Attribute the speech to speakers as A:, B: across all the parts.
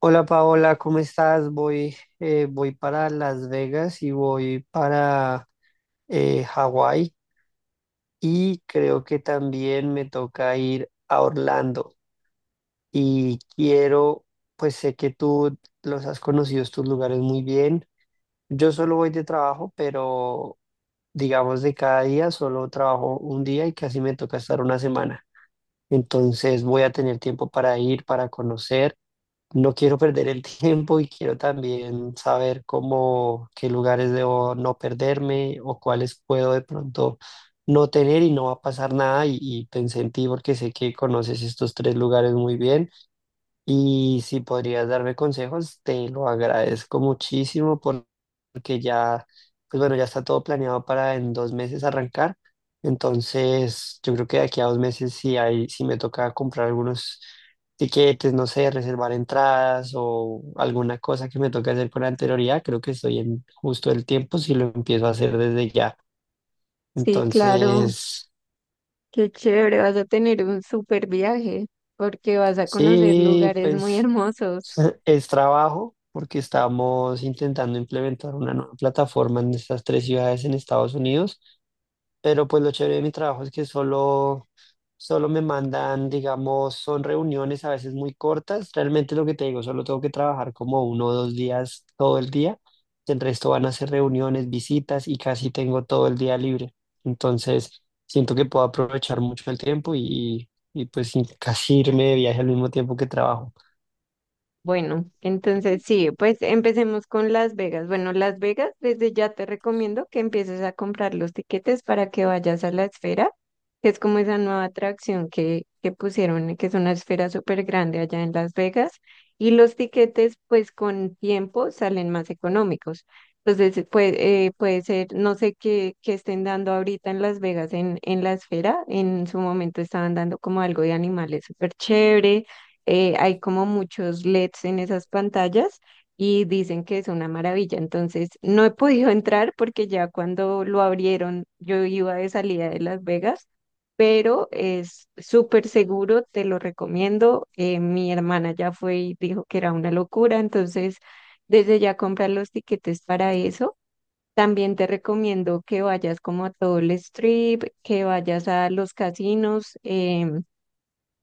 A: Hola Paola, ¿cómo estás? Voy para Las Vegas y voy para Hawái. Y creo que también me toca ir a Orlando y pues sé que tú los has conocido estos lugares muy bien. Yo solo voy de trabajo, pero digamos de cada día solo trabajo un día y casi me toca estar una semana. Entonces voy a tener tiempo para ir, para conocer. No quiero perder el tiempo y quiero también saber qué lugares debo no perderme o cuáles puedo de pronto no tener y no va a pasar nada. Y pensé en ti porque sé que conoces estos tres lugares muy bien. Y si podrías darme consejos, te lo agradezco muchísimo porque ya, pues bueno, ya está todo planeado para en 2 meses arrancar. Entonces, yo creo que de aquí a 2 meses, si me toca comprar algunos tiquetes, no sé, reservar entradas o alguna cosa que me toque hacer con anterioridad, creo que estoy en justo el tiempo si lo empiezo a hacer desde ya.
B: Sí, claro,
A: Entonces,
B: qué chévere, vas a tener un súper viaje porque vas a conocer
A: sí,
B: lugares
A: pues.
B: muy hermosos.
A: Es es trabajo porque estamos intentando implementar una nueva plataforma en estas tres ciudades en Estados Unidos, pero pues lo chévere de mi trabajo es que solo me mandan, digamos, son reuniones a veces muy cortas. Realmente lo que te digo, solo tengo que trabajar como 1 o 2 días todo el día. El resto van a ser reuniones, visitas y casi tengo todo el día libre. Entonces, siento que puedo aprovechar mucho el tiempo y pues casi irme de viaje al mismo tiempo que trabajo.
B: Bueno, entonces sí, pues empecemos con Las Vegas. Bueno, Las Vegas, desde ya te recomiendo que empieces a comprar los tiquetes para que vayas a la esfera, que es como esa nueva atracción que pusieron, que es una esfera súper grande allá en Las Vegas. Y los tiquetes, pues con tiempo salen más económicos. Entonces, pues, puede ser, no sé qué, qué estén dando ahorita en Las Vegas en la esfera. En su momento estaban dando como algo de animales súper chévere. Hay como muchos LEDs en esas pantallas y dicen que es una maravilla. Entonces, no he podido entrar porque ya cuando lo abrieron, yo iba de salida de Las Vegas, pero es súper seguro, te lo recomiendo. Mi hermana ya fue y dijo que era una locura, entonces desde ya comprar los tiquetes para eso. También te recomiendo que vayas como a todo el strip, que vayas a los casinos.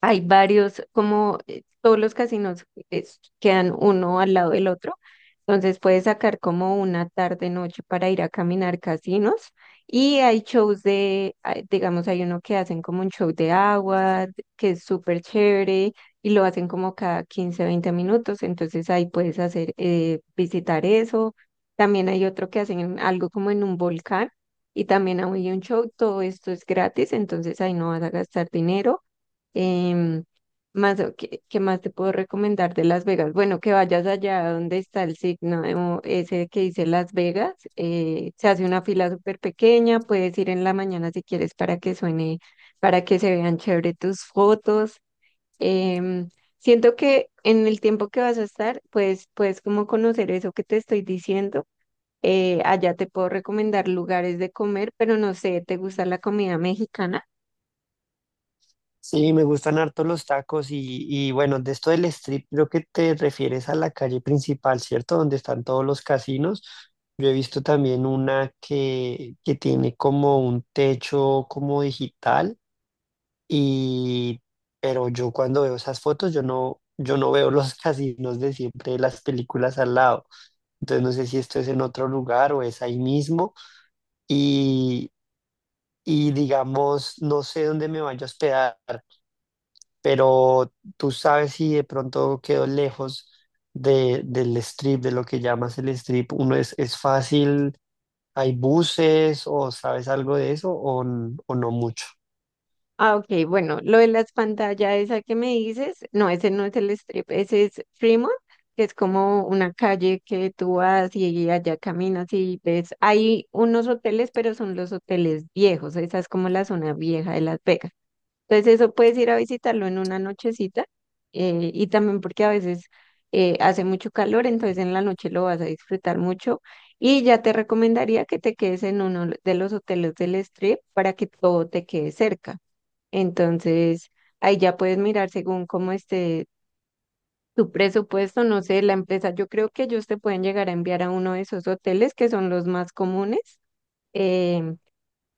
B: Hay varios, como todos los casinos quedan uno al lado del otro, entonces puedes sacar como una tarde, noche para ir a caminar casinos y hay shows de, ah, digamos, hay uno que hacen como un show de agua, que es súper chévere y lo hacen como cada 15 20 minutos, entonces ahí puedes hacer, visitar eso. También hay otro que hacen algo como en un volcán y también hay un show, todo esto es gratis, entonces ahí no vas a gastar dinero. Em, Más, ¿qué, qué más te puedo recomendar de Las Vegas? Bueno, que vayas allá donde está el signo de ese que dice Las Vegas. Se hace una fila súper pequeña, puedes ir en la mañana si quieres para que suene, para que se vean chévere tus fotos. Em, Siento que en el tiempo que vas a estar, pues puedes como conocer eso que te estoy diciendo. Allá te puedo recomendar lugares de comer, pero no sé, ¿te gusta la comida mexicana?
A: Sí, me gustan harto los tacos y bueno, de esto del strip creo que te refieres a la calle principal, ¿cierto? Donde están todos los casinos. Yo he visto también una que tiene como un techo como digital, y pero yo cuando veo esas fotos yo no veo los casinos de siempre de las películas al lado. Entonces no sé si esto es en otro lugar o es ahí mismo, y y digamos no sé dónde me vaya a hospedar, pero tú sabes si de pronto quedó lejos del strip, de lo que llamas el strip, uno es fácil, hay buses o sabes algo de eso o, o no mucho.
B: Ah, ok, bueno, lo de las pantallas, esa que me dices, no, ese no es el strip, ese es Fremont, que es como una calle que tú vas y allá caminas y ves, hay unos hoteles, pero son los hoteles viejos, esa es como la zona vieja de Las Vegas. Entonces eso puedes ir a visitarlo en una nochecita, y también porque a veces hace mucho calor, entonces en la noche lo vas a disfrutar mucho y ya te recomendaría que te quedes en uno de los hoteles del strip para que todo te quede cerca. Entonces, ahí ya puedes mirar según cómo esté tu presupuesto, no sé, la empresa. Yo creo que ellos te pueden llegar a enviar a uno de esos hoteles que son los más comunes, eh,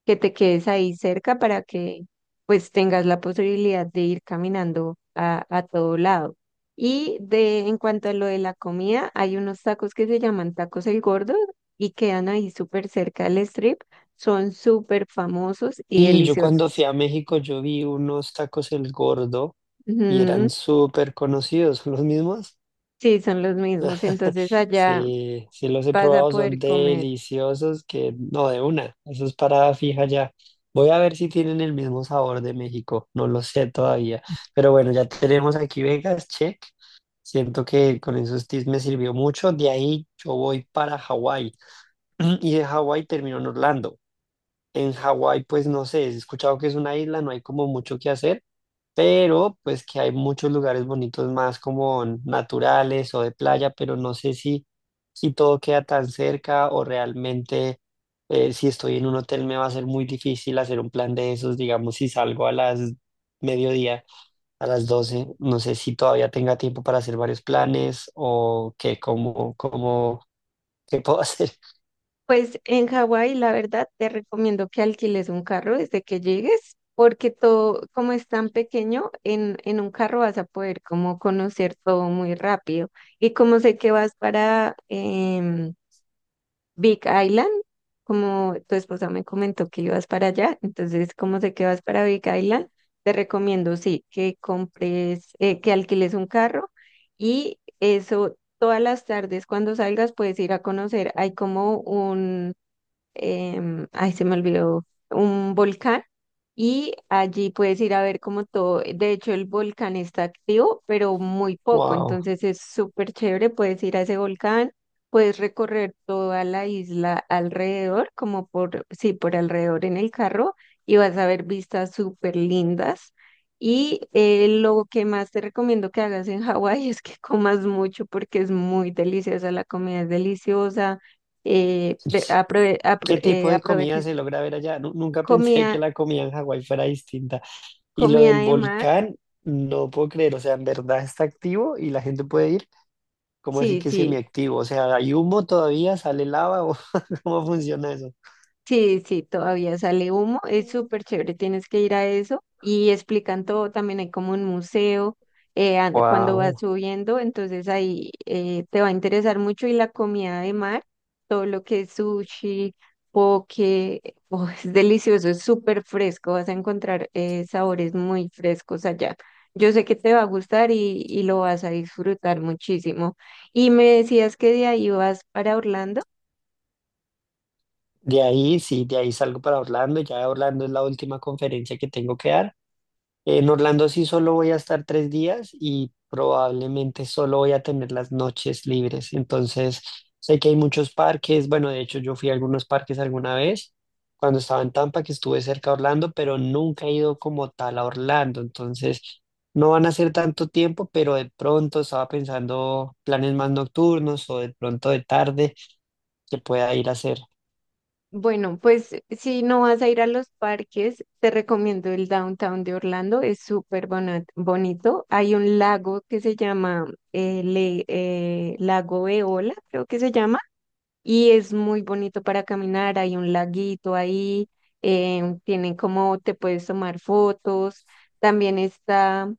B: que te quedes ahí cerca para que pues tengas la posibilidad de ir caminando a todo lado. Y de en cuanto a lo de la comida, hay unos tacos que se llaman tacos El Gordo y quedan ahí súper cerca del strip. Son súper famosos y
A: Y yo cuando fui
B: deliciosos.
A: a México yo vi unos tacos El Gordo y eran
B: Ujú.
A: súper conocidos, ¿son los mismos?
B: Sí, son los mismos. Entonces allá
A: Sí, sí los he
B: vas a
A: probado, son
B: poder comer.
A: deliciosos que no de una, eso es parada fija ya. Voy a ver si tienen el mismo sabor de México, no lo sé todavía, pero bueno, ya tenemos aquí Vegas, check. Siento que con esos tips me sirvió mucho, de ahí yo voy para Hawái y de Hawái termino en Orlando. En Hawái, pues no sé, he escuchado que es una isla, no hay como mucho que hacer, pero pues que hay muchos lugares bonitos más como naturales o de playa, pero no sé si todo queda tan cerca o realmente si estoy en un hotel me va a ser muy difícil hacer un plan de esos, digamos, si salgo a las mediodía, a las 12, no sé si todavía tenga tiempo para hacer varios planes o qué, qué puedo hacer.
B: Pues en Hawái, la verdad, te recomiendo que alquiles un carro desde que llegues, porque todo, como es tan pequeño, en un carro vas a poder como conocer todo muy rápido. Y como sé que vas para Big Island, como tu esposa me comentó que ibas para allá, entonces como sé que vas para Big Island, te recomiendo, sí, que compres, que alquiles un carro y eso, todas las tardes cuando salgas puedes ir a conocer, hay como ay, se me olvidó, un volcán y allí puedes ir a ver como todo, de hecho el volcán está activo, pero muy poco,
A: Wow.
B: entonces es súper chévere, puedes ir a ese volcán, puedes recorrer toda la isla alrededor, como por, sí, por alrededor en el carro y vas a ver vistas súper lindas. Y lo que más te recomiendo que hagas en Hawái es que comas mucho porque es muy deliciosa, la comida es deliciosa.
A: ¿Qué tipo de comida
B: Aprovechen
A: se logra ver allá? Nunca pensé que
B: comida,
A: la comida en Hawái fuera distinta. Y lo
B: comida
A: del
B: de mar.
A: volcán, no puedo creer, o sea, en verdad está activo y la gente puede ir. ¿Cómo así
B: Sí,
A: que
B: sí.
A: semiactivo? O sea, ¿hay humo todavía? ¿Sale lava? O ¿Cómo funciona eso?
B: Sí, sí, todavía sale humo, es súper chévere, tienes que ir a eso y explican todo, también hay como un museo, cuando vas
A: Wow.
B: subiendo, entonces ahí te va a interesar mucho y la comida de mar, todo lo que es sushi, poke, oh, es delicioso, es súper fresco, vas a encontrar sabores muy frescos allá. Yo sé que te va a gustar y lo vas a disfrutar muchísimo. Y me decías que de ahí vas para Orlando.
A: De ahí, sí, de ahí salgo para Orlando. Ya Orlando es la última conferencia que tengo que dar. En Orlando sí solo voy a estar 3 días y probablemente solo voy a tener las noches libres. Entonces, sé que hay muchos parques. Bueno, de hecho, yo fui a algunos parques alguna vez cuando estaba en Tampa, que estuve cerca de Orlando, pero nunca he ido como tal a Orlando. Entonces, no van a ser tanto tiempo, pero de pronto estaba pensando planes más nocturnos o de pronto de tarde que pueda ir a hacer.
B: Bueno, pues si no vas a ir a los parques, te recomiendo el downtown de Orlando, es súper bonito. Hay un lago que se llama Lago Eola, creo que se llama, y es muy bonito para caminar. Hay un laguito ahí, tienen como te puedes tomar fotos. También está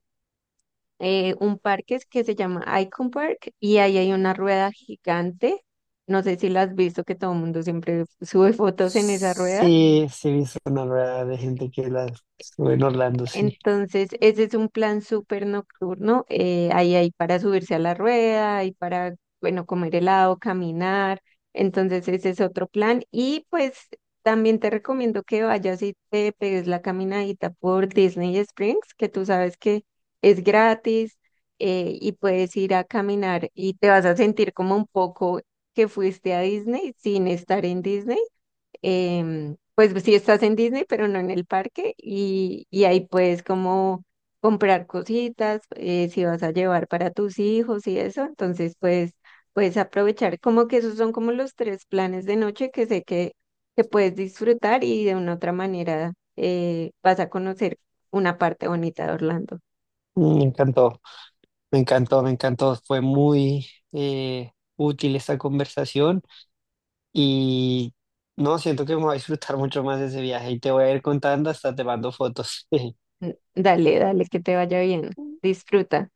B: un parque que se llama Icon Park y ahí hay una rueda gigante. No sé si la has visto, que todo el mundo siempre sube fotos en esa rueda.
A: Sí, sí, he visto una rueda de gente que la estuve en Orlando, sí.
B: Entonces, ese es un plan súper nocturno. Ahí hay para subirse a la rueda, hay para, bueno, comer helado, caminar. Entonces, ese es otro plan. Y pues también te recomiendo que vayas y te pegues la caminadita por Disney Springs, que tú sabes que es gratis, y puedes ir a caminar y te vas a sentir como un poco que fuiste a Disney sin estar en Disney. Pues sí estás en Disney, pero no en el parque y ahí puedes como comprar cositas, si vas a llevar para tus hijos y eso, entonces pues puedes aprovechar, como que esos son como los tres planes de noche que sé que puedes disfrutar y de una otra manera vas a conocer una parte bonita de Orlando.
A: Mm. Me encantó. Me encantó, me encantó. Fue muy útil esta conversación y no, siento que me voy a disfrutar mucho más de ese viaje y te voy a ir contando, hasta te mando fotos.
B: Dale, dale, que te vaya bien, disfruta.